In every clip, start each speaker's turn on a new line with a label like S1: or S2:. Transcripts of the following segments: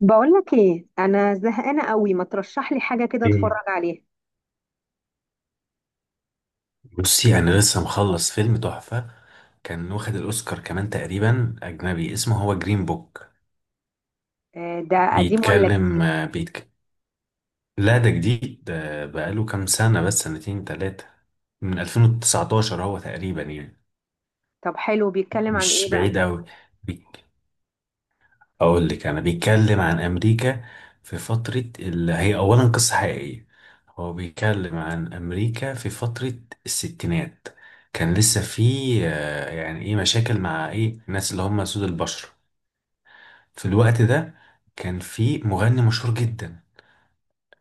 S1: بقولك ايه، انا زهقانه قوي، ما ترشح لي حاجه كده اتفرج
S2: ايه.
S1: عليها.
S2: بصي، انا لسه مخلص فيلم تحفة. كان واخد الاوسكار كمان تقريبا، اجنبي، اسمه هو جرين بوك.
S1: ده قديم ولا جديد؟
S2: بيتكلم آه، بيتك... لا، ده جديد، ده بقاله كام سنة، بس سنتين تلاتة، من 2019 هو تقريبا يعني.
S1: طب حلو، بيتكلم عن ايه
S2: مش
S1: بقى؟
S2: بعيد قوي. اقول لك، انا بيتكلم عن امريكا في فترة، اللي هي اولا قصة حقيقية. هو بيتكلم عن امريكا في فترة الستينات. كان لسه في يعني ايه، مشاكل مع ايه الناس اللي هم سود البشر في الوقت ده. كان في مغني مشهور جدا،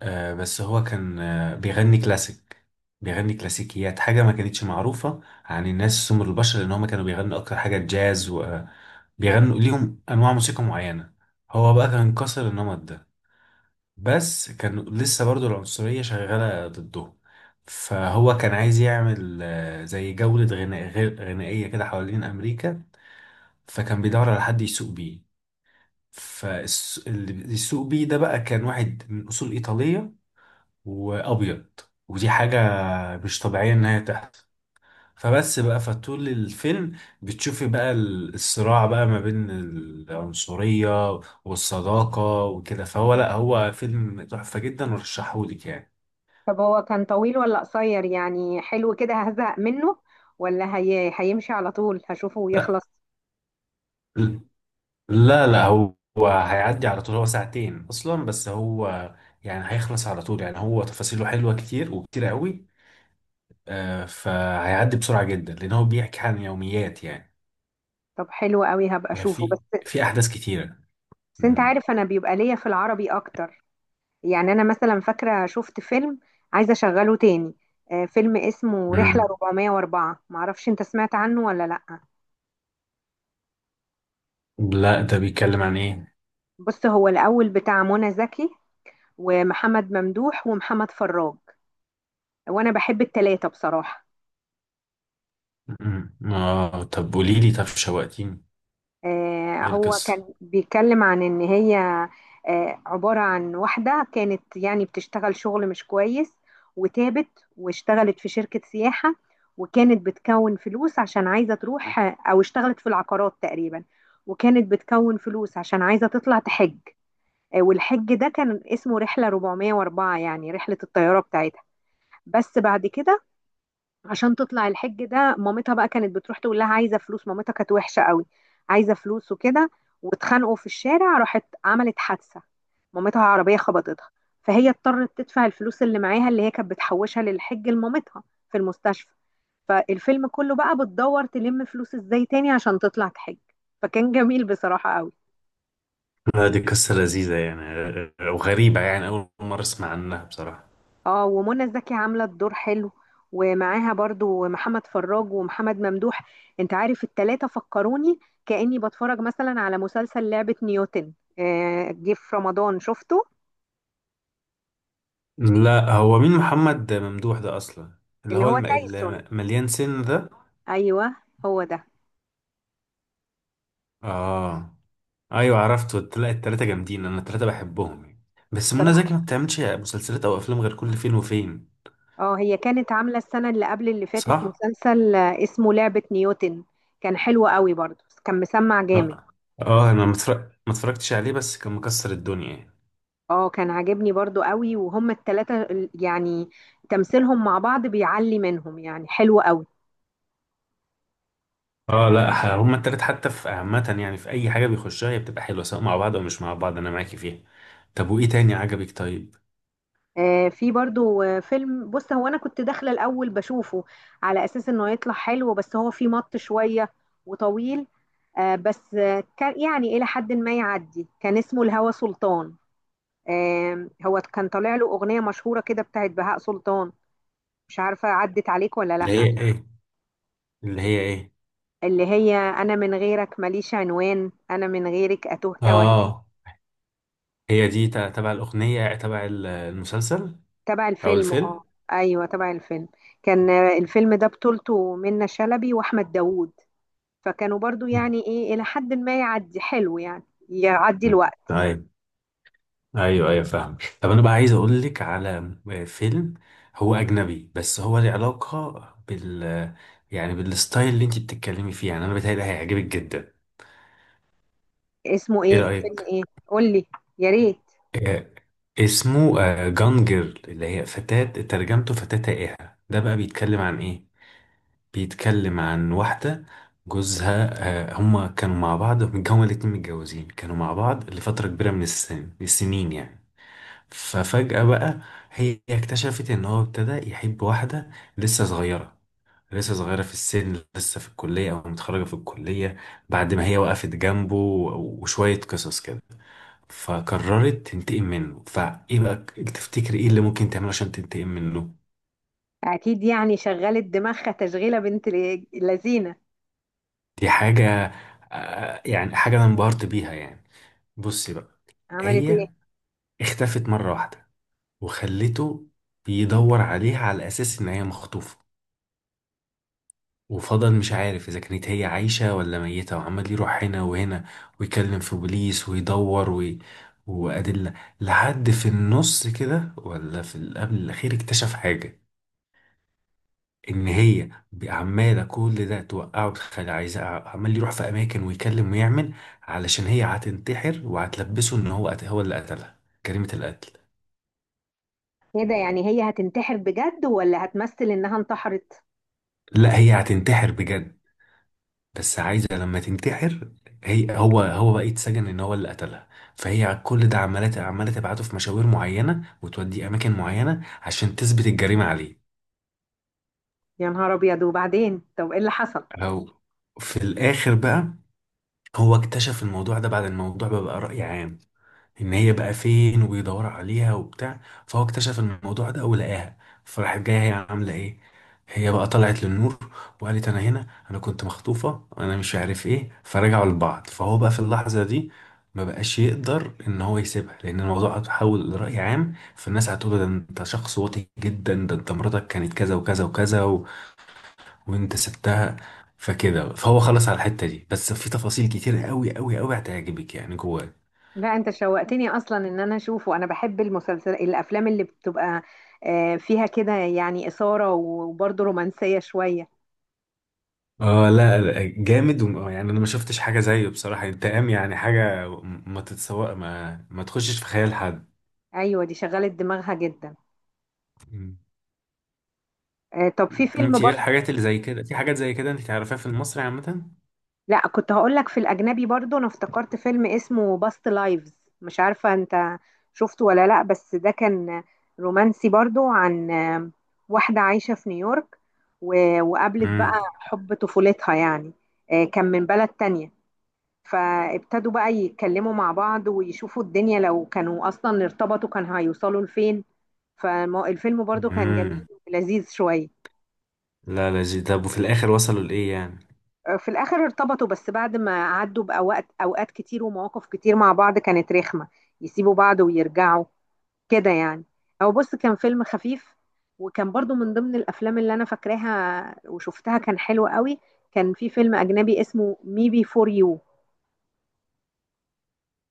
S2: بس هو كان بيغني كلاسيك، بيغني كلاسيكيات، حاجة ما كانتش معروفة عن الناس سمر البشر، لأن هما كانوا بيغنوا أكتر حاجة جاز وبيغنوا ليهم أنواع موسيقى معينة. هو بقى كان كسر النمط ده، بس كان لسه برضو العنصرية شغالة ضده. فهو كان عايز يعمل زي جولة غناء غنائية كده حوالين أمريكا. فكان بيدور على حد يسوق بيه. فاللي بيسوق بيه ده بقى كان واحد من أصول إيطالية، وابيض. ودي حاجه مش طبيعيه ان هي تحصل. فبس بقى، فطول الفيلم بتشوفي بقى الصراع بقى ما بين العنصريه والصداقه وكده. فهو لا، هو فيلم تحفه جدا، ورشحهولك يعني.
S1: طب هو كان طويل ولا قصير؟ يعني حلو كده هزهق منه ولا هي... هيمشي على طول هشوفه
S2: لا.
S1: ويخلص؟
S2: لا لا، هو هيعدي على طول، هو ساعتين اصلا، بس هو يعني هيخلص على طول يعني. هو تفاصيله حلوه كتير وكتير قوي. فهيعدي بسرعه جدا لان هو بيحكي عن يوميات يعني.
S1: طب حلو قوي، هبقى اشوفه.
S2: في،
S1: بس
S2: في احداث كتيره.
S1: بس انت عارف انا بيبقى ليا في العربي اكتر. يعني انا مثلا فاكره شفت فيلم عايزه اشغله تاني. فيلم اسمه رحله
S2: مم.
S1: 404، معرفش انت سمعت عنه ولا لا.
S2: لا، ده بيتكلم عن ايه؟
S1: بص، هو الاول بتاع منى زكي ومحمد ممدوح ومحمد فراج، وانا بحب التلاتة بصراحة.
S2: مم. اه طب قولي لي، طب شوقتيني.
S1: آه،
S2: ايه
S1: هو
S2: القصة؟
S1: كان بيتكلم عن ان هي آه عبارة عن واحدة كانت يعني بتشتغل شغل مش كويس، وتابت واشتغلت في شركة سياحة، وكانت بتكون فلوس عشان عايزة تروح او اشتغلت في العقارات تقريبا، وكانت بتكون فلوس عشان عايزة تطلع تحج. آه، والحج ده كان اسمه رحلة 404، يعني رحلة الطيارة بتاعتها. بس بعد كده عشان تطلع الحج ده، مامتها بقى كانت بتروح تقول لها عايزه فلوس، مامتها كانت وحشه قوي، عايزه فلوس وكده. واتخانقوا في الشارع، راحت عملت حادثه، مامتها عربيه خبطتها، فهي اضطرت تدفع الفلوس اللي معاها اللي هي كانت بتحوشها للحج لمامتها في المستشفى. فالفيلم كله بقى بتدور تلم فلوس ازاي تاني عشان تطلع تحج. فكان جميل بصراحه قوي.
S2: لا، دي قصة لذيذة يعني، وغريبة يعني، أول مرة أسمع عنها بصراحة.
S1: اه، ومنى زكي عامله الدور حلو، ومعاها برضو محمد فراج ومحمد ممدوح. انت عارف التلاتة فكروني كأني بتفرج مثلا على مسلسل لعبة نيوتن. جه في رمضان شفته.
S2: لا، هو مين محمد ممدوح ده أصلا؟ اللي
S1: اللي
S2: هو
S1: هو تايسون،
S2: المليان سن ده.
S1: ايوه، هو ده.
S2: آه. أيوة، عرفته. لا، التلاتة جامدين، أنا التلاتة بحبهم يعني. بس منى زكي ما
S1: بصراحة
S2: بتعملش مسلسلات أو أفلام غير كل فين وفين.
S1: اه، هي كانت عاملة السنة اللي قبل اللي فاتت
S2: صح؟
S1: مسلسل اسمه لعبة نيوتن. كان حلو قوي برضو، كان مسمع جامد.
S2: آه آه، أنا ما متفرق... ما اتفرجتش عليه، بس كان مكسر الدنيا يعني.
S1: اه، كان عاجبني برضو قوي، وهم التلاتة ال- يعني تمثيلهم مع بعض بيعلي منهم، يعني حلو قوي.
S2: اه، لا، هما التلات حتى في عامة يعني، في أي حاجة بيخشها هي بتبقى حلوة، سواء مع بعض أو مش مع بعض، أنا معاكي فيها. طب وإيه تاني عجبك طيب؟
S1: في برضو فيلم، بص هو انا كنت داخله الاول بشوفه على اساس انه يطلع حلو، بس هو فيه مط شويه وطويل. بس كان يعني الى حد ما يعدي، كان اسمه الهوى سلطان. آه، هو كان طالع له اغنيه مشهوره كده بتاعت بهاء سلطان، مش عارفه عدت عليك ولا
S2: اللي هي
S1: لا.
S2: إيه؟ اللي هي إيه؟
S1: اللي هي انا من غيرك ماليش عنوان، انا من غيرك اتوه توه.
S2: آه هي دي تبع الأغنية، تبع المسلسل
S1: تبع
S2: أو
S1: الفيلم اه،
S2: الفيلم؟
S1: ايوه تبع الفيلم. كان الفيلم ده بطولته منة شلبي واحمد داوود، فكانوا برضو
S2: مم.
S1: يعني ايه الى حد ما يعدي حلو يعني، يعدي
S2: مم.
S1: الوقت.
S2: طيب. أيوه أيوه، فاهم. طب أنا بقى عايز أقول لك على فيلم. هو أجنبي بس هو له علاقة بال، يعني بالستايل اللي أنت بتتكلمي فيه يعني، أنا بتهيألي هيعجبك جدا.
S1: اسمه
S2: إيه
S1: ايه؟ فيلم
S2: رأيك؟
S1: ايه؟ قول لي، يا ريت.
S2: آه، اسمه جانجر، اللي هي فتاة، ترجمته فتاة تائهة. ده بقى بيتكلم عن ايه؟ بيتكلم عن واحدة جوزها، هما كانوا مع بعض، هما الاتنين متجوزين كانوا مع بعض لفترة كبيرة من السنين يعني. ففجأة بقى، هي اكتشفت ان هو ابتدى يحب واحدة لسه صغيرة، لسه صغيرة في السن، لسه في الكلية أو متخرجة في الكلية، بعد ما هي وقفت جنبه وشوية قصص كده. فقررت تنتقم منه. فايه بقى تفتكر ايه اللي ممكن تعمله عشان تنتقم منه؟
S1: اكيد، يعني شغلت دماغها تشغيله بنت ال- اللذينه.
S2: دي حاجة يعني حاجة انا انبهرت بيها يعني. بصي بقى،
S1: عملت ايه؟
S2: هي اختفت مرة واحدة، وخلته بيدور عليها على اساس ان هي مخطوفة، وفضل مش عارف اذا كانت هي عايشة ولا ميتة، وعمال يروح هنا وهنا، ويكلم في بوليس ويدور وأدلة. لحد في النص كده ولا في قبل الأخير، اكتشف حاجة، ان هي عماله كل ده توقعه، تخلي، عايزه عمال يروح في اماكن ويكلم ويعمل، علشان هي هتنتحر وهتلبسه ان هو هو اللي قتلها، جريمه القتل.
S1: ايه ده؟ يعني هي هتنتحر بجد ولا هتمثل انها انتحرت؟
S2: لا، هي هتنتحر بجد، بس عايزه لما تنتحر، هي هو بقى يتسجن ان هو اللي قتلها. فهي على كل ده عماله تبعته في مشاوير معينه، وتوديه اماكن معينه عشان تثبت الجريمه عليه.
S1: يا نهار ابيض، وبعدين طب ايه اللي حصل؟
S2: او، في الاخر بقى، هو اكتشف الموضوع ده بعد الموضوع، بقى رأي عام ان هي بقى فين، وبيدور عليها وبتاع. فهو اكتشف الموضوع ده ولقاها. فراحت، جايه هي عامله ايه، هي بقى طلعت للنور وقالت انا هنا، انا كنت مخطوفه، انا مش عارف ايه، فرجعوا لبعض. فهو بقى في اللحظه دي ما بقاش يقدر ان هو يسيبها، لان الموضوع اتحول لرأي عام، فالناس هتقول ده انت شخص واطي جدا، ده انت مراتك كانت كذا وكذا وكذا و... وانت سبتها. فكده فهو خلص على الحته دي. بس في تفاصيل كتير قوي قوي قوي هتعجبك يعني جواه.
S1: لا انت شوقتني اصلا ان انا اشوفه، انا بحب المسلسل الافلام اللي بتبقى فيها كده، يعني اثاره وبرضه رومانسيه شويه.
S2: اه، لا لا، جامد يعني انا ما شفتش حاجه زيه بصراحه. انتقام يعني، حاجه ما تتسوق، ما تخشش في خيال حد.
S1: ايوه، دي شغلت دماغها جدا.
S2: مم.
S1: طب في فيلم
S2: انت ايه
S1: برضه.
S2: الحاجات اللي زي كده؟ في حاجات زي كده انت تعرفيها في المصري عامه؟
S1: لا كنت هقول لك في الاجنبي برضو، انا افتكرت فيلم اسمه باست لايفز، مش عارفه انت شفته ولا لا، بس ده كان رومانسي برضو. عن واحده عايشه في نيويورك، و- وقابلت بقى
S2: امم.
S1: حب طفولتها يعني. آه، كان من بلد تانية، فابتدوا بقى يتكلموا مع بعض ويشوفوا الدنيا لو كانوا اصلا ارتبطوا كان هيوصلوا لفين. فالفيلم برضو كان جميل
S2: امم.
S1: ولذيذ شويه.
S2: لا، لا جي. طب وفي الاخر وصلوا لايه يعني؟
S1: في الاخر ارتبطوا، بس بعد ما عدوا باوقات كتير ومواقف كتير مع بعض كانت رخمه، يسيبوا بعض ويرجعوا كده يعني. هو بص كان فيلم خفيف، وكان برضو من ضمن الافلام اللي انا فاكراها وشفتها، كان حلو قوي. كان في فيلم اجنبي اسمه مي بي فور يو،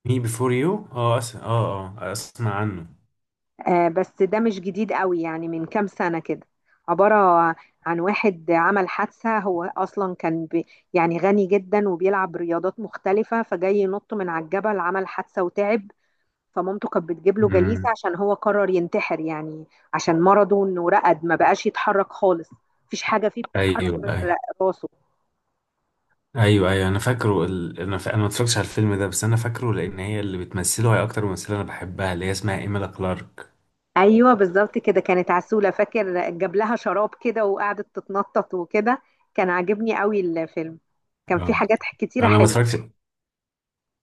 S2: مي بيفور يو. اه، اه اه، اسمع عنه.
S1: بس ده مش جديد قوي، يعني من كام سنه كده. عباره عن واحد عمل حادثه، هو اصلا كان بي يعني غني جدا وبيلعب رياضات مختلفه، فجاي ينط من على الجبل عمل حادثه وتعب. فمامته كانت بتجيب له جليسة
S2: امم.
S1: عشان هو قرر ينتحر يعني، عشان مرضه انه رقد ما بقاش يتحرك خالص، مفيش حاجة فيه
S2: ايوه
S1: بتتحرك غير
S2: ايوه.
S1: راسه.
S2: ايوه ايوه، انا فاكره انا ما اتفرجتش على الفيلم ده، بس انا فاكره لان هي اللي بتمثله، هي اكتر ممثله انا بحبها، اللي هي اسمها ايميلا كلارك.
S1: ايوه بالظبط كده، كانت عسولة، فاكر جاب لها شراب كده وقعدت تتنطط وكده. كان عاجبني قوي الفيلم، كان فيه حاجات كتيرة
S2: انا ما
S1: حلوة.
S2: اتفرجتش.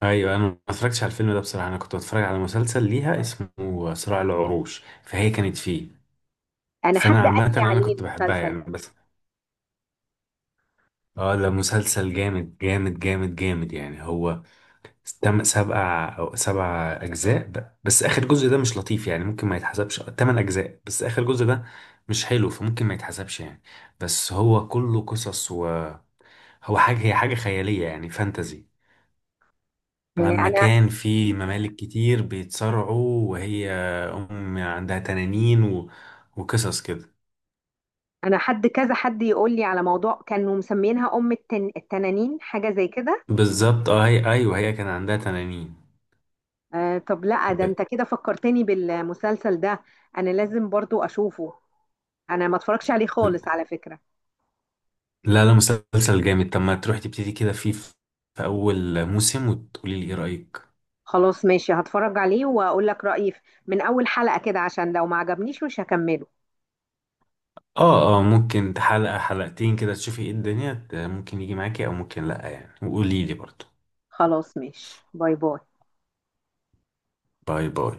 S2: ايوه، انا ما اتفرجتش على الفيلم ده بصراحه. انا كنت بتفرج على مسلسل ليها اسمه صراع العروش، فهي كانت فيه.
S1: انا حد
S2: فانا
S1: قال
S2: عامه
S1: لي
S2: انا
S1: عليه
S2: كنت بحبها
S1: المسلسل
S2: يعني.
S1: ده.
S2: بس اه، ده مسلسل جامد جامد جامد جامد يعني. هو تم سبع او 7 اجزاء، بس اخر جزء ده مش لطيف يعني، ممكن ما يتحسبش، 8 اجزاء، بس اخر جزء ده مش حلو فممكن ما يتحسبش يعني. بس هو كله قصص، وهو حاجه، هي حاجه خياليه يعني، فانتزي عن
S1: آه، انا
S2: مكان فيه ممالك كتير بيتصارعوا، وهي أم عندها تنانين و... وقصص كده.
S1: انا حد كذا حد يقول لي على موضوع كانوا مسمينها ام التن... التنانين، حاجة زي كده.
S2: بالظبط، اه هي أيوه، هي كان عندها تنانين.
S1: آه طب، لا ده
S2: ب...
S1: انت كده فكرتني بالمسلسل ده، انا لازم برضو اشوفه، انا ما اتفرجش عليه خالص على فكرة.
S2: لا لا، مسلسل جامد. طب ما تروح تبتدي كده فيه، في في أول موسم، وتقولي لي إيه رأيك.
S1: خلاص ماشي، هتفرج عليه واقول لك رأيي في- من اول حلقة كده، عشان لو ما عجبنيش مش هكمله.
S2: اه اه، ممكن حلقة حلقتين كده تشوفي ايه الدنيا، ممكن يجي معاكي أو ممكن لأ يعني، وقولي لي برضه.
S1: خلاص ماشي، باي باي.
S2: باي باي.